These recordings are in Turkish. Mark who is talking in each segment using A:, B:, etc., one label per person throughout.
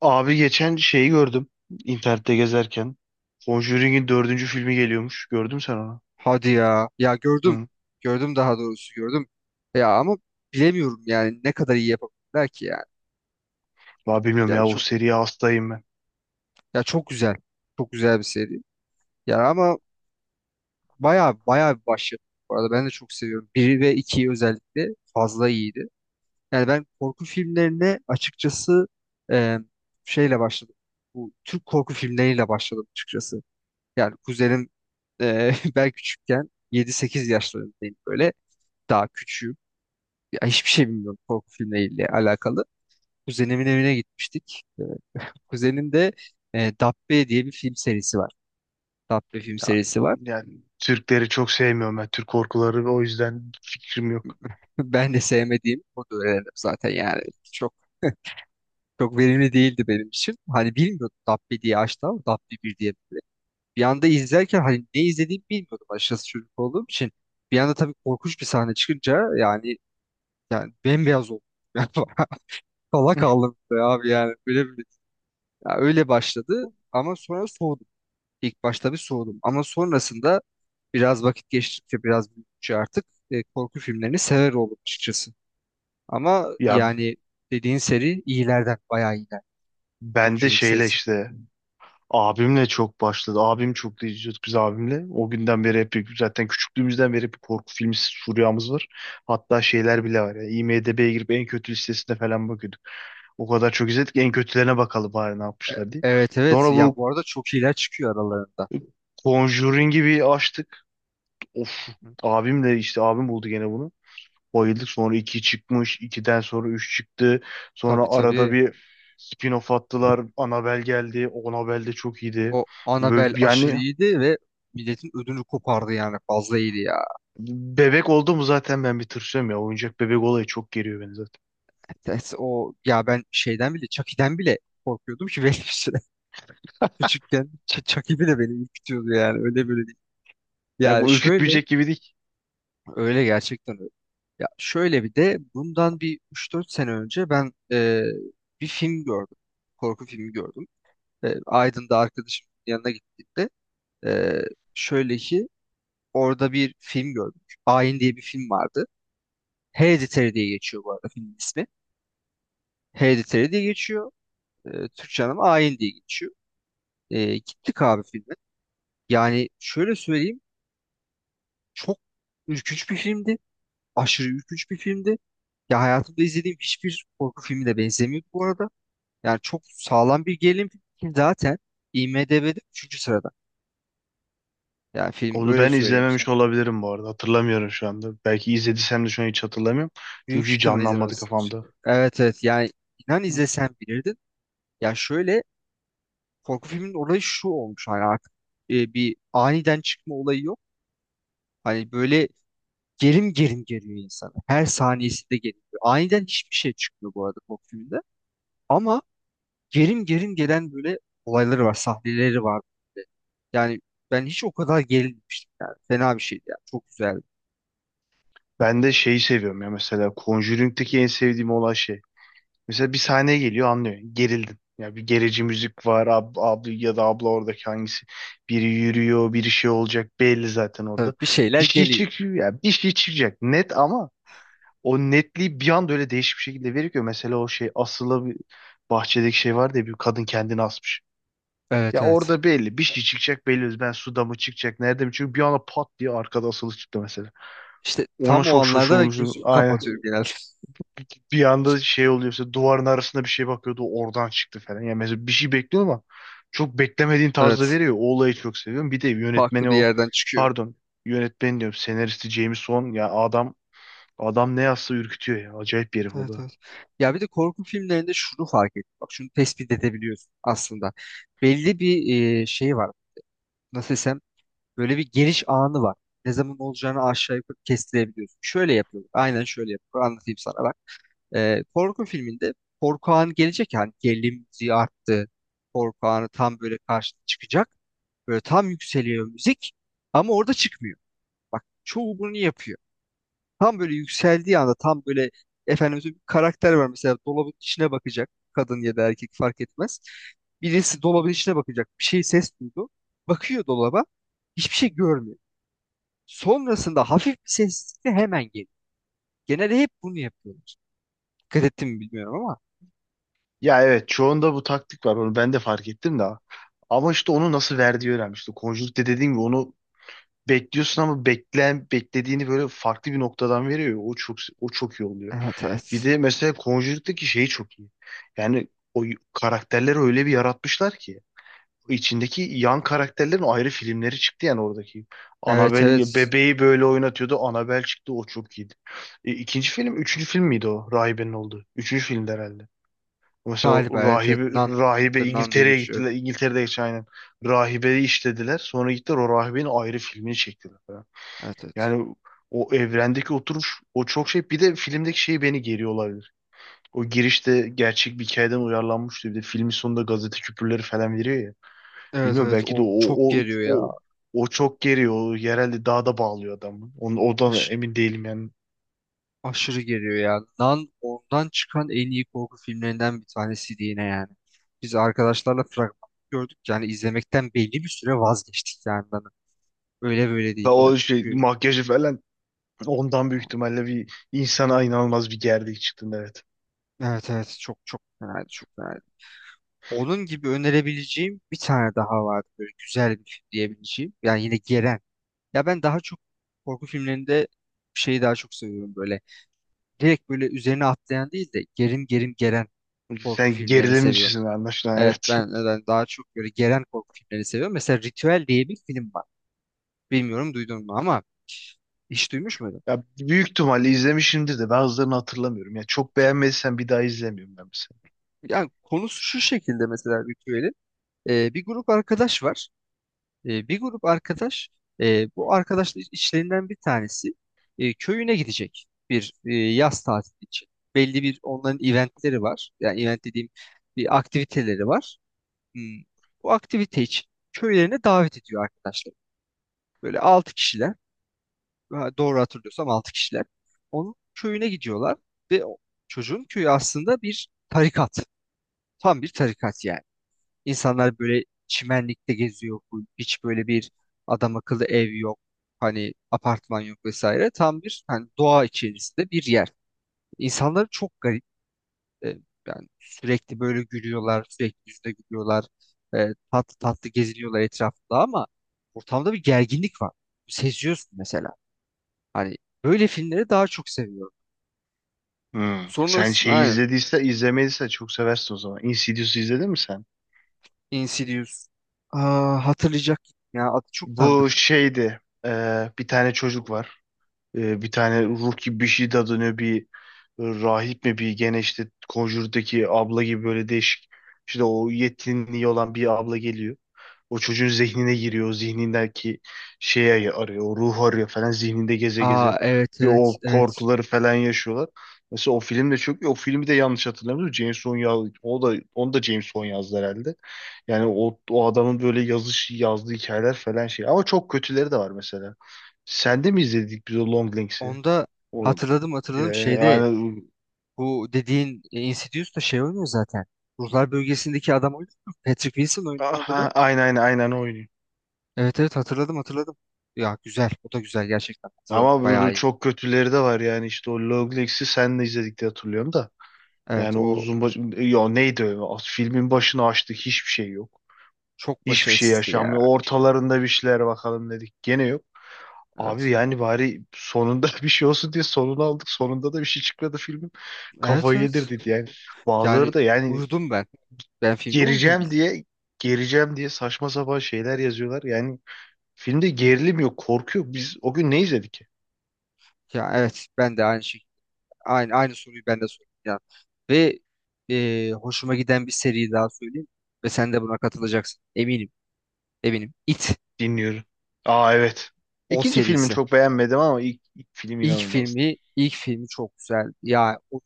A: Abi geçen şeyi gördüm. İnternette gezerken Conjuring'in dördüncü filmi geliyormuş. Gördün mü sen onu?
B: Hadi ya. Ya gördüm.
A: Hı.
B: Gördüm, daha doğrusu gördüm. Ya ama bilemiyorum yani ne kadar iyi yapabilirler ki yani.
A: Vallahi bilmiyorum
B: Ya
A: ya, o
B: çok
A: seriye hastayım ben.
B: Ya çok güzel. Çok güzel bir seri. Ya ama baya baya bir başyapıt. Bu arada ben de çok seviyorum. 1 ve 2'yi özellikle fazla iyiydi. Yani ben korku filmlerine açıkçası e, şeyle başladım. Bu Türk korku filmleriyle başladım açıkçası. Yani kuzenim, ben küçükken yedi sekiz yaşlarındayım böyle. Daha küçüğüm. Ya hiçbir şey bilmiyorum korku filmleriyle alakalı. Kuzenimin evine gitmiştik. Kuzenin de Dabbe diye bir film serisi var. Dabbe film
A: Ya,
B: serisi var.
A: yani Türkleri çok sevmiyorum ben. Türk korkuları ve o yüzden fikrim yok.
B: Ben de sevmediğim, o da öğrendim zaten yani. Çok çok verimli değildi benim için. Hani bilmiyordum, Dabbe diye açtı ama Dabbe bir diye. Bir anda izlerken hani ne izlediğimi bilmiyordum açıkçası, çocuk olduğum için. Bir anda tabii korkunç bir sahne çıkınca yani bembeyaz oldum. Yani kala kaldım be abi, yani böyle bir, ya öyle başladı ama sonra soğudum. İlk başta bir soğudum ama sonrasında biraz vakit geçtikçe, biraz büyüdükçe artık korku filmlerini sever oldum açıkçası. Ama
A: Ya,
B: yani dediğin seri iyilerden, bayağı iyiler.
A: ben de
B: Conjuring
A: şeyle
B: serisi.
A: işte abimle çok başladı. Abim, çok da izliyorduk biz abimle. O günden beri hep, zaten küçüklüğümüzden beri hep korku filmi furyamız var. Hatta şeyler bile var. Ya, IMDb'ye girip en kötü listesine falan bakıyorduk. O kadar çok izledik. En kötülerine bakalım bari ne yapmışlar diye.
B: Evet evet,
A: Sonra
B: ya
A: bu
B: bu arada çok iyiler çıkıyor aralarında.
A: Conjuring'i bir açtık. Of,
B: Hı hı.
A: abim de işte, abim buldu gene bunu. Bayıldık. Sonra 2 çıkmış. 2'den sonra 3 çıktı.
B: Tabii
A: Sonra arada
B: tabii,
A: bir spin-off attılar. Annabelle geldi. Annabelle de çok iyiydi.
B: o Annabelle
A: Ve
B: aşırı
A: yani
B: iyiydi ve milletin ödünü kopardı, yani fazla iyiydi ya.
A: bebek oldu mu zaten ben bir tırsıyorum ya. Oyuncak bebek olayı çok geriyor beni zaten.
B: Evet, o ya ben şeyden bile, Chucky'den bile korkuyordum ki benim için küçükken Chucky bile beni ürkütüyordu, yani öyle böyle değil.
A: Belki
B: Yani şöyle.
A: ürkütmeyecek gibi değil.
B: Öyle gerçekten öyle. Ya şöyle, bir de bundan bir üç dört sene önce ben bir film gördüm. Korku filmi gördüm. Aydın'da arkadaşımın yanına gittiğimde e, şöyle ki, orada bir film gördüm. Ayin diye bir film vardı. Hereditary diye geçiyor bu arada filmin ismi. Hereditary diye geçiyor. Türkçe anlamı Ayin diye geçiyor. Gittik abi filme. Yani şöyle söyleyeyim, çok ürkünç bir filmdi. Aşırı ürkünç bir filmdi. Ya hayatımda izlediğim hiçbir korku filmi de benzemiyor bu arada. Yani çok sağlam bir gerilim filmi ki zaten IMDb'de üçüncü sırada. Yani film,
A: Onu
B: öyle
A: ben
B: söyleyeyim sana.
A: izlememiş olabilirim bu arada. Hatırlamıyorum şu anda. Belki izlediysem de şu an hiç hatırlamıyorum.
B: Büyük
A: Çünkü hiç
B: ihtimal
A: canlanmadı
B: izlemesindir.
A: kafamda.
B: Evet evet, yani inan, izlesen bilirdin. Ya şöyle, korku filminin olayı şu olmuş, hani artık bir aniden çıkma olayı yok. Hani böyle gerim gerim geliyor insana. Her saniyesinde geliyor. Aniden hiçbir şey çıkmıyor bu arada korku filminde. Ama gerim gerim gelen böyle olayları var, sahneleri var. Yani ben hiç o kadar gerilmemiştim yani. Fena bir şeydi yani. Çok güzeldi.
A: Ben de şeyi seviyorum ya, mesela Conjuring'deki en sevdiğim olay şey. Mesela bir sahneye geliyor, anlıyor, gerildin. Ya, bir gerici müzik var, abi ya da abla oradaki, hangisi. Biri yürüyor, biri şey olacak belli zaten
B: Tabii,
A: orada.
B: bir şeyler
A: Bir şey
B: geliyor.
A: çıkıyor ya, bir şey çıkacak net, ama o netliği bir anda öyle değişik bir şekilde veriyor ki. Mesela o şey asılı, bir bahçedeki şey var diye, bir kadın kendini asmış. Ya
B: Evet evet.
A: orada belli, bir şey çıkacak belli. Ben suda mı çıkacak, nerede mi? Çünkü bir anda pat diye arkada asılı çıktı mesela.
B: İşte
A: Ona
B: tam o
A: çok
B: anlarda da
A: şaşırmıştım.
B: gözümü kapatıyorum
A: Aynen.
B: genelde.
A: Bir anda şey oluyor, işte duvarın arasında bir şey bakıyordu, oradan çıktı falan. Yani mesela bir şey bekliyor ama çok beklemediğin tarzda
B: Evet.
A: veriyor. O olayı çok seviyorum. Bir de
B: Farklı
A: yönetmeni
B: bir
A: o,
B: yerden çıkıyor.
A: pardon, yönetmeni diyorum, senaristi James Wan, ya adam, ne yazsa ürkütüyor ya. Acayip bir herif o
B: Evet
A: da.
B: evet. Ya bir de korku filmlerinde şunu fark ettim. Bak, şunu tespit edebiliyorsun aslında. Belli bir şey var. Nasıl desem, böyle bir geliş anı var. Ne zaman olacağını aşağı yukarı kestirebiliyorsun. Şöyle yapıyorlar. Aynen şöyle yapıyorlar. Anlatayım sana. Korku filminde korku anı gelecek, yani gerilim müziği arttı. Korku anı tam böyle karşına çıkacak. Böyle tam yükseliyor müzik ama orada çıkmıyor. Bak, çoğu bunu yapıyor. Tam böyle yükseldiği anda, tam böyle, efendim, bir karakter var mesela, dolabın içine bakacak. Kadın ya da erkek fark etmez. Birisi dolabın içine bakacak. Bir şey, ses duydu. Bakıyor dolaba. Hiçbir şey görmüyor. Sonrasında hafif bir sessizlikle hemen geliyor. Genelde hep bunu yapıyorlar. Dikkat ettim mi bilmiyorum ama.
A: Ya evet, çoğunda bu taktik var, onu ben de fark ettim de. Ama işte onu nasıl verdiği önemli. İşte Conjuring'de dediğim gibi onu bekliyorsun ama beklediğini böyle farklı bir noktadan veriyor. O çok, o çok iyi oluyor.
B: Evet
A: Bir
B: evet.
A: de mesela Conjuring'deki şey çok iyi. Yani karakterleri öyle bir yaratmışlar ki içindeki yan karakterlerin ayrı filmleri çıktı yani oradaki.
B: Evet
A: Annabelle
B: evet.
A: bebeği böyle oynatıyordu. Annabelle çıktı, o çok iyiydi. İkinci film, üçüncü film miydi o? Rahibenin olduğu. Üçüncü filmdi herhalde. Mesela
B: Galiba
A: o
B: evet evet.
A: rahibe,
B: Nan. The Nun diye
A: İngiltere'ye
B: geçiyor.
A: gittiler. İngiltere'de geçen, aynen. Rahibeyi işlediler. Sonra gittiler, o rahibenin ayrı filmini çektiler falan.
B: Evet evet.
A: Yani o evrendeki oturuş, o çok şey. Bir de filmdeki şey beni geriyor, o girişte gerçek bir hikayeden uyarlanmıştı. Bir de filmin sonunda gazete küpürleri falan veriyor ya.
B: Evet
A: Bilmiyorum,
B: evet,
A: belki de
B: o çok
A: o
B: geriyor
A: o
B: ya.
A: o çok geriyor. O yerelde dağda bağlıyor adamı. Onu, oradan
B: Aş-
A: emin değilim yani.
B: aşırı geriyor ya. Nan, ondan çıkan en iyi korku filmlerinden bir tanesiydi yine yani. Biz arkadaşlarla fragman gördük, yani izlemekten belli bir süre vazgeçtik yani Nan'ı. Öyle böyle
A: Ve
B: değil ya,
A: o şey,
B: çünkü
A: makyajı falan, ondan büyük ihtimalle bir insana inanılmaz bir gerdik, çıktın, evet.
B: evet evet çok çok fenaydı, çok fenaydı. Onun gibi önerebileceğim bir tane daha vardı, böyle güzel bir film diyebileceğim. Yani yine geren Ya ben daha çok korku filmlerinde şeyi daha çok seviyorum böyle. Direkt böyle üzerine atlayan değil de gerim gerim geren korku
A: Sen
B: filmlerini seviyorum.
A: gerilimcisin anlaşılan,
B: Evet
A: evet.
B: ben daha çok böyle geren korku filmlerini seviyorum. Mesela Ritüel diye bir film var. Bilmiyorum duydun mu ama, hiç duymuş muydun?
A: Ya büyük ihtimalle izlemişimdir de bazılarını hatırlamıyorum. Ya çok beğenmediysen bir daha izlemiyorum ben mesela.
B: Yani konusu şu şekilde mesela Ritüel'in. Bir grup arkadaş var. E, bir grup arkadaş, e, bu arkadaşlar içlerinden bir tanesi köyüne gidecek bir yaz tatili için. Belli bir, onların eventleri var. Yani event dediğim, bir aktiviteleri var. Hmm. Bu aktivite için köylerine davet ediyor arkadaşlar. Böyle 6 kişiler, ha, doğru hatırlıyorsam 6 kişiler. Onun köyüne gidiyorlar ve o çocuğun köyü aslında bir tarikat. Tam bir tarikat yani. İnsanlar böyle çimenlikte geziyor. Full. Hiç böyle bir adam akıllı ev yok. Hani apartman yok vesaire. Tam bir hani doğa içerisinde bir yer. İnsanlar çok garip. E, yani sürekli böyle gülüyorlar. Sürekli yüzde gülüyorlar. Tatlı tatlı geziniyorlar etrafında ama ortamda bir gerginlik var. Seziyorsun mesela. Hani böyle filmleri daha çok seviyorum.
A: Hmm. Sen
B: Sonrasında
A: şeyi,
B: aynen
A: izlediyse izlemediyse çok seversin o zaman. Insidious'u izledin mi sen?
B: Insidious. Aa, hatırlayacak ya, adı çok
A: Bu
B: tanıdık.
A: şeydi. Bir tane çocuk var. Bir tane ruh gibi bir şey de dönüyor, bir rahip mi bir, gene işte Conjure'daki abla gibi, böyle değişik, işte o yetinliği olan bir abla geliyor. O çocuğun zihnine giriyor. O zihnindeki şeyi arıyor. O ruhu arıyor falan, zihninde geze
B: Aa,
A: geze.
B: evet
A: Bir
B: evet
A: o
B: evet.
A: korkuları falan yaşıyorlar. Mesela o film de çok iyi. O filmi de, yanlış hatırlamıyorum, James Wan yaz- o da onu da James Wan yazdı herhalde. Yani o adamın böyle yazdığı hikayeler falan şey. Ama çok kötüleri de var mesela. Sen de mi izledik biz o Long Links'i?
B: Onda
A: O
B: hatırladım,
A: e,
B: hatırladım, şeyde,
A: aynen
B: bu dediğin Insidious da şey oynuyor zaten. Ruhlar bölgesindeki adam oynuyor. Patrick Wilson oynuyor onda da.
A: Aha, aynen o oynuyor.
B: Evet evet, hatırladım hatırladım. Ya güzel. O da güzel gerçekten. Hatırladım.
A: Ama
B: Bayağı
A: böyle
B: iyi.
A: çok kötüleri de var yani, işte o Long Links'i sen de izledik diye hatırlıyorum da.
B: Evet,
A: Yani o
B: o
A: uzun baş... Ya neydi o? Filmin başını açtık, hiçbir şey yok.
B: çok
A: Hiçbir şey
B: başarısızdı
A: yaşanmıyor.
B: ya.
A: Ortalarında bir şeyler bakalım dedik. Gene yok. Abi
B: Evet.
A: yani bari sonunda bir şey olsun diye sonunu aldık. Sonunda da bir şey çıkmadı filmin.
B: Evet
A: Kafayı
B: evet.
A: yedirdik yani. Bazıları
B: Yani
A: da yani
B: uyudum ben. Ben filmde uyudum
A: gereceğim
B: bildim.
A: diye gereceğim diye saçma sapan şeyler yazıyorlar. Yani filmde gerilim yok, korku yok. Biz o gün ne izledik ki?
B: Ya evet, ben de aynı şey. Aynı soruyu ben de sordum ya. Ve hoşuma giden bir seri daha söyleyeyim. Ve sen de buna katılacaksın. Eminim. Eminim. It.
A: Dinliyorum. Aa, evet.
B: O
A: İkinci filmini
B: serisi.
A: çok beğenmedim ama ilk film
B: İlk
A: inanılmazdı.
B: filmi, ilk filmi çok güzel. Ya o-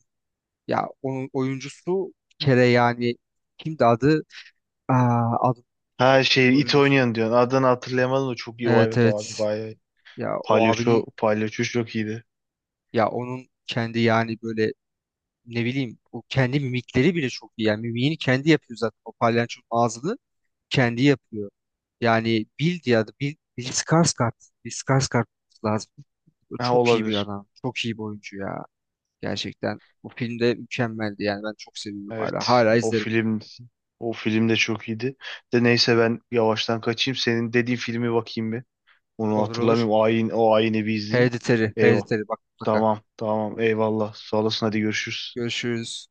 B: ya onun oyuncusu bir kere yani, kimdi adı? Aa, adı
A: Ha, şey it
B: oyuncusu.
A: oynayan diyorsun. Adını hatırlayamadım da çok iyi o,
B: Evet
A: evet, o abi
B: evet.
A: bayağı.
B: Ya o abinin
A: Palyaço çok iyiydi.
B: ya onun kendi yani böyle, ne bileyim, o kendi mimikleri bile çok iyi. Yani mimiğini kendi yapıyor zaten. O palyaçonun ağzını kendi yapıyor. Yani Bill diye adı. Bill Skarsgård. Bill Skarsgård lazım. O
A: Ha,
B: çok iyi bir
A: olabilir.
B: adam. Çok iyi bir oyuncu ya. Gerçekten bu filmde mükemmeldi. Yani ben çok seviyorum hala.
A: Evet.
B: Hala izlerim.
A: O film de çok iyiydi. De neyse, ben yavaştan kaçayım. Senin dediğin filmi bakayım bir. Onu
B: Olur olur.
A: hatırlamıyorum. O ayin, o ayini bir izleyeyim.
B: Hereditary.
A: Eyvah.
B: Hereditary bak mutlaka.
A: Tamam tamam, eyvallah. Sağ olasın, hadi görüşürüz.
B: Görüşürüz.